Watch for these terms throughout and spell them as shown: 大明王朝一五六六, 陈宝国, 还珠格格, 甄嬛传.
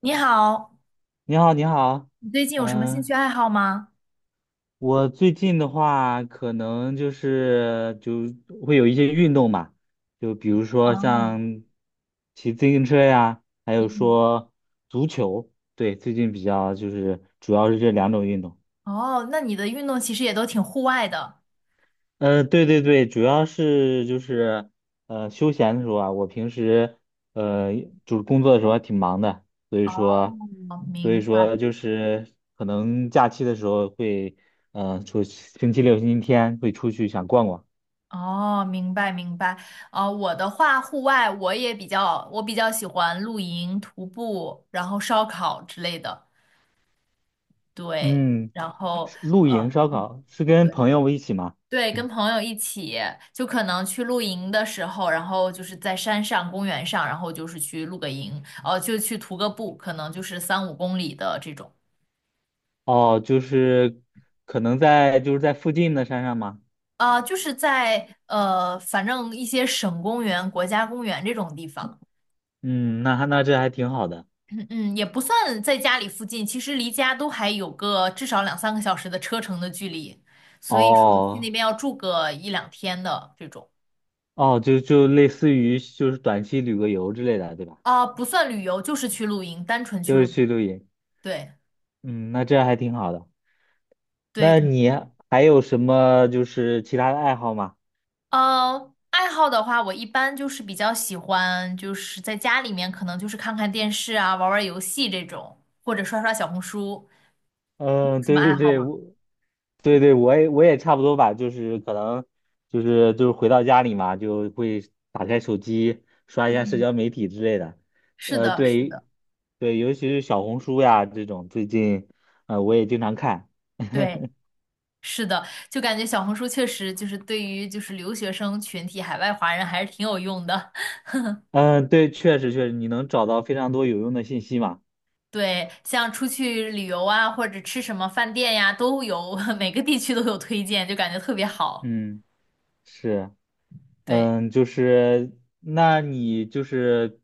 你好，你好，你好。你最近有什么兴趣嗯，爱好吗？我最近的话，可能就是会有一些运动嘛，就比如说哦，像骑自行车呀，还有嗯，说足球。对，最近比较就是主要是这两种运动。哦，那你的运动其实也都挺户外的。对对对，主要是就是休闲的时候啊。我平时呃就是工作的时候还挺忙的，所以说我所以明白。说就是可能假期的时候会星期六、星期天会出去想逛逛。哦，明白明白。啊，我的话，户外我也比较，我比较喜欢露营、徒步，然后烧烤之类的。对，嗯，然后是露营呃，烧嗯烤是跟对朋友一起吗？对，跟朋友一起，就可能去露营的时候，然后就是在山上、公园上，然后就是去露个营，就去徒个步，可能就是三五公里的这种。哦，就是可能在就是在附近的山上吗？啊、就是在反正一些省公园、国家公园这种地方，嗯，那这还挺好的。嗯也不算在家里附近，其实离家都还有个至少两三个小时的车程的距离，所以说去那哦。边要住个一两天的这种，哦，就类似于就是短期旅个游之类的，对吧？啊、不算旅游，就是去露营，单纯去就露是营去露营。对嗯，那这样还挺好的。对，那你还有什么就是其他的爱好吗？呃，爱好的话，我一般就是比较喜欢，就是在家里面可能就是看看电视啊，玩玩游戏这种，或者刷刷小红书，有嗯，什么对爱对好对。吗？对对，我也差不多吧，就是可能就是回到家里嘛，就会打开手机刷一下社嗯。交媒体之类的。是的，是对的，对，尤其是小红书呀这种，最近我也经常看。对，是的，就感觉小红书确实就是对于就是留学生群体、海外华人还是挺有用的。嗯，对，确实确实，你能找到非常多有用的信息嘛。对，像出去旅游啊，或者吃什么饭店呀，都有，每个地区都有推荐，就感觉特别好。嗯，是，对，嗯，就是。那你就是，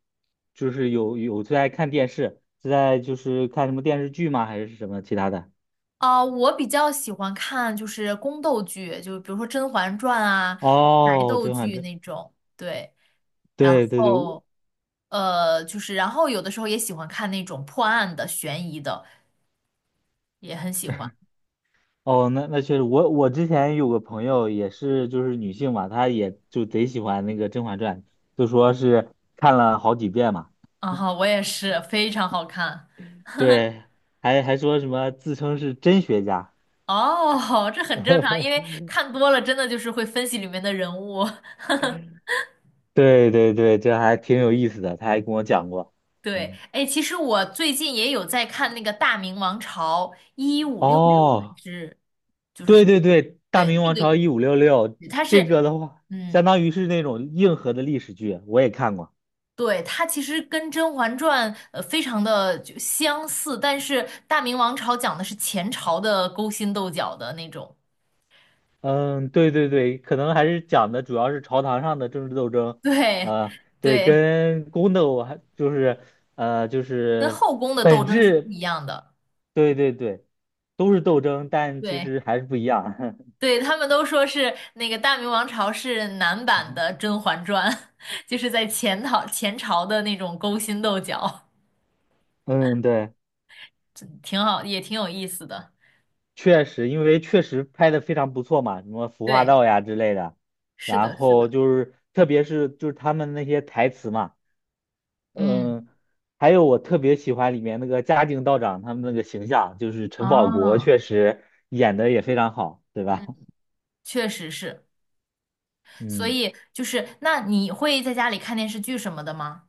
就是有最爱看电视，是在就是看什么电视剧吗？还是什么其他的？啊、我比较喜欢看就是宫斗剧，就比如说《甄嬛传》啊，哦，甄嬛传，对，然对对对。后就是然后有的时候也喜欢看那种破案的、悬疑的，也很喜欢。哦，那确实，我之前有个朋友也是就是女性嘛，她也就贼喜欢那个《甄嬛传》，就说是看了好几遍嘛。啊哈，我也是，非常好看。对，还说什么自称是真学家，哦，这很正常，因为 看多了，真的就是会分析里面的人物。对对对，这还挺有意思的，她还跟我讲过。对，嗯。哎，其实我最近也有在看那个《大明王朝一五六六》，还哦，是就是对什么？对对，《大对，明那王个朝一五六六》也它这是，个的话，嗯，相当于是那种硬核的历史剧，我也看过。对，它其实跟《甄嬛传》非常的就相似，但是《大明王朝》讲的是前朝的勾心斗角的那种，嗯，对对对，可能还是讲的主要是朝堂上的政治斗争。对，对，对，跟宫斗还就是呃就跟是后宫的斗本争是不一质。样的。对对对，都是斗争，但其对。实还是不一样。对，他们都说是那个《大明王朝》是男版 的《甄嬛传》，就是在前朝的那种勾心斗角，嗯，对。挺好，也挺有意思的。确实，因为确实拍的非常不错嘛，什么服化对，道呀之类的，是然的，是的，后就是特别是就是他们那些台词嘛。嗯，嗯，还有我特别喜欢里面那个嘉靖道长他们那个形象，就是陈宝国哦，确实演的也非常好，对吧？嗯，确实是。所嗯。以就是，那你会在家里看电视剧什么的吗？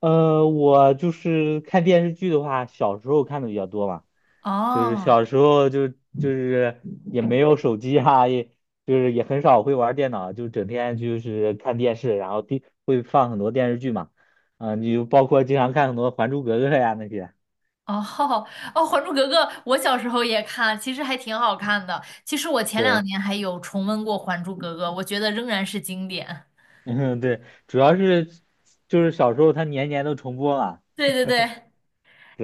我就是看电视剧的话，小时候看的比较多嘛。哦。就是哦小时候就是也没有手机啊，也就是也很少会玩电脑，就整天就是看电视，然后第会放很多电视剧嘛。啊，你就包括经常看很多《还珠格格》呀那些。哦，哦《还珠格格》我小时候也看，其实还挺好看的。其实我前两对，年还有重温过《还珠格格》，我觉得仍然是经典。嗯，对，主要是就是小时候它年年都重播嘛，对对对，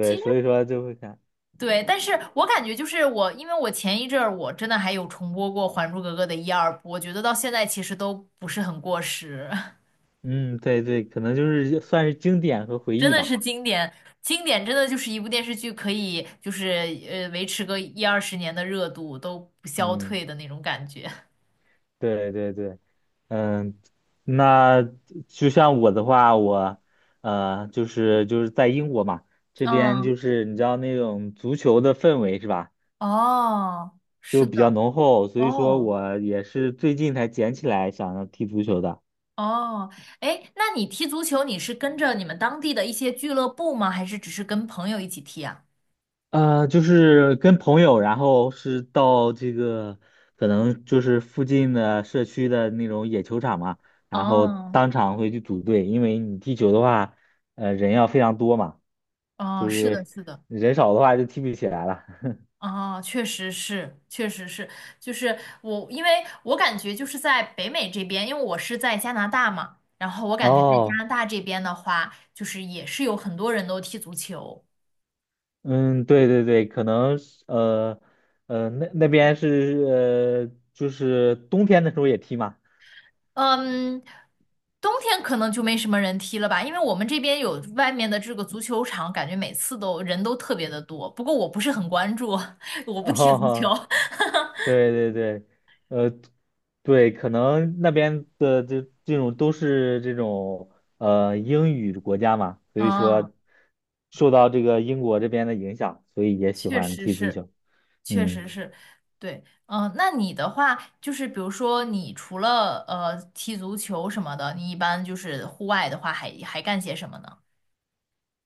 其实所以说就会看。对，但是我感觉就是我，因为我前一阵儿我真的还有重播过《还珠格格》的一二部，我觉得到现在其实都不是很过时，嗯，对对，可能就是算是经典和回真忆的吧。是经典，经典真的就是一部电视剧可以就是维持个一二十年的热度都不消嗯。退的那种感觉。对对对。嗯，那就像我的话，我，就是在英国嘛，这边嗯，就是你知道那种足球的氛围是吧，哦，就是比较的，浓厚，所以说哦我也是最近才捡起来想要踢足球的。哦，哎，那你踢足球你是跟着你们当地的一些俱乐部吗？还是只是跟朋友一起踢啊？就是跟朋友，然后是到这个可能就是附近的社区的那种野球场嘛，然后哦当场会去组队，因为你踢球的话，人要非常多嘛。哦，就是的，是是的。人少的话就踢不起来了。哦，确实是，确实是，就是我，因为我感觉就是在北美这边，因为我是在加拿大嘛，然后我感觉在加哦，拿大这边的话，就是也是有很多人都踢足球，嗯，对对对，可能是那边是就是冬天的时候也踢嘛。嗯，冬天可能就没什么人踢了吧，因为我们这边有外面的这个足球场，感觉每次都人都特别的多，不过我不是很关注，我不然踢足球，后对对对。呃，对，可能那边的这种都是这种英语国家嘛，所以说嗯，受到这个英国这边的影响，所以也喜确欢实踢足是，球。确嗯。实是，对，嗯、那你的话就是，比如说你除了踢足球什么的，你一般就是户外的话还，还干些什么呢？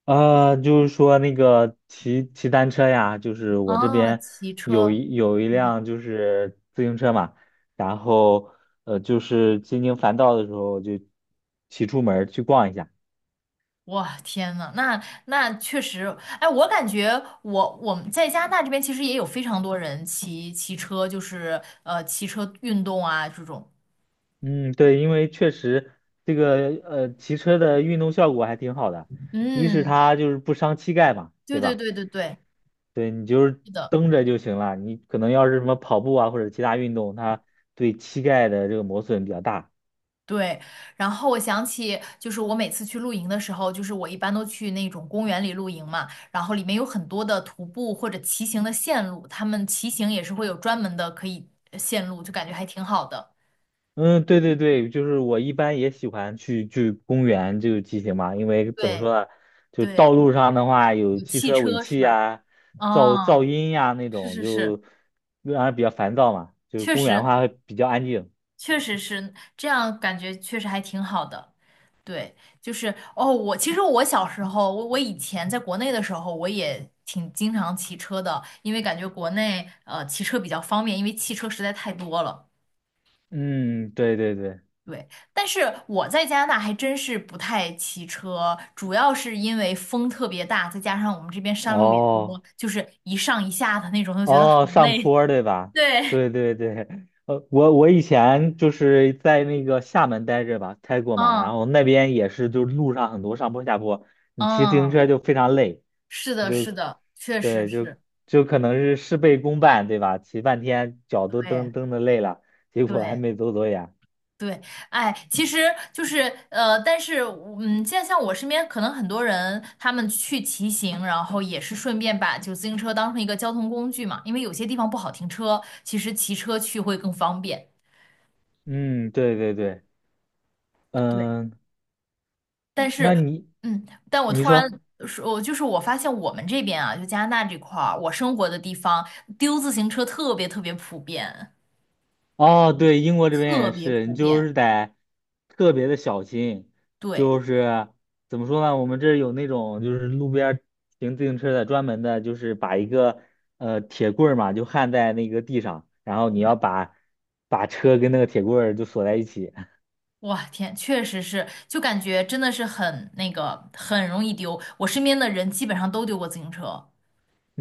就是说那个骑单车呀，就是我这啊，边骑有车。一有一嗯，辆就是自行车嘛，然后就是心情烦躁的时候就骑出门儿去逛一下。哇，天呐，那那确实，哎，我感觉我们在加拿大这边其实也有非常多人骑车，就是骑车运动啊这种。嗯，对，因为确实这个骑车的运动效果还挺好的。一是嗯，它就是不伤膝盖嘛，对对对吧？对对对，对，你就是是的。蹬着就行了，你可能要是什么跑步啊或者其他运动，它对膝盖的这个磨损比较大。对，然后我想起，就是我每次去露营的时候，就是我一般都去那种公园里露营嘛，然后里面有很多的徒步或者骑行的线路，他们骑行也是会有专门的可以线路，就感觉还挺好的。嗯，对对对，就是我一般也喜欢去公园就骑行嘛。因为怎么对说呢，就道对，路上的话有有汽汽车尾车气是吧？呀、噪哦，音呀那是种，是是，就让人比较烦躁嘛。就确公园的实话会比较安静。确实是这样，感觉确实还挺好的。对，就是哦，我其实我小时候，我以前在国内的时候，我也挺经常骑车的，因为感觉国内骑车比较方便，因为汽车实在太多了。嗯，对对对。对，但是我在加拿大还真是不太骑车，主要是因为风特别大，再加上我们这边山路也多，哦就是一上一下的那种，就觉得好哦，上累。坡 儿对吧？对，对对对。我以前就是在那个厦门待着吧，待过嘛，嗯然后那边也是，就是路上很多上坡下坡，你骑自行嗯，车就非常累。是的，就是的，确实对，就是，就可能是事倍功半，对吧？骑半天脚都对蹬蹬的累了，结果还对。没走多远。对，哎，其实就是但是嗯，现在像我身边可能很多人，他们去骑行，然后也是顺便把就自行车当成一个交通工具嘛，因为有些地方不好停车，其实骑车去会更方便。嗯，对对对。对，嗯，但那是你，嗯，但我你突然说。说，我就是我发现我们这边啊，就加拿大这块儿，我生活的地方丢自行车特别特别普遍，哦，对，英国这边特也别是，你普就遍。是得特别的小心。对。就是怎么说呢？我们这儿有那种就是路边儿停自行车的，专门的，就是把一个铁棍儿嘛，就焊在那个地上，然后你要把车跟那个铁棍儿就锁在一起。哇天，确实是，就感觉真的是很那个，很容易丢。我身边的人基本上都丢过自行车，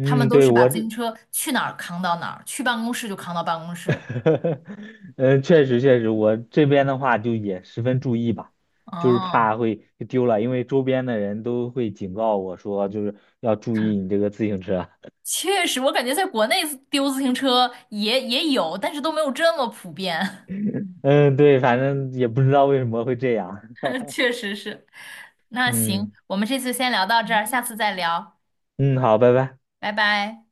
他们都对，是把我自这。行车去哪儿扛到哪儿，去办公室就扛到办公室。嗯，确实确实，我这边的话就也十分注意吧，就是嗯，怕会丢了，因为周边的人都会警告我说，就是要注意你这个自行车。确实，我感觉在国内丢自行车也也有，但是都没有这么普遍。嗯，对，反正也不知道为什么会这样。确实是。那行，嗯我们这次先聊到这儿，下次嗯再聊，嗯，好，拜拜。拜拜。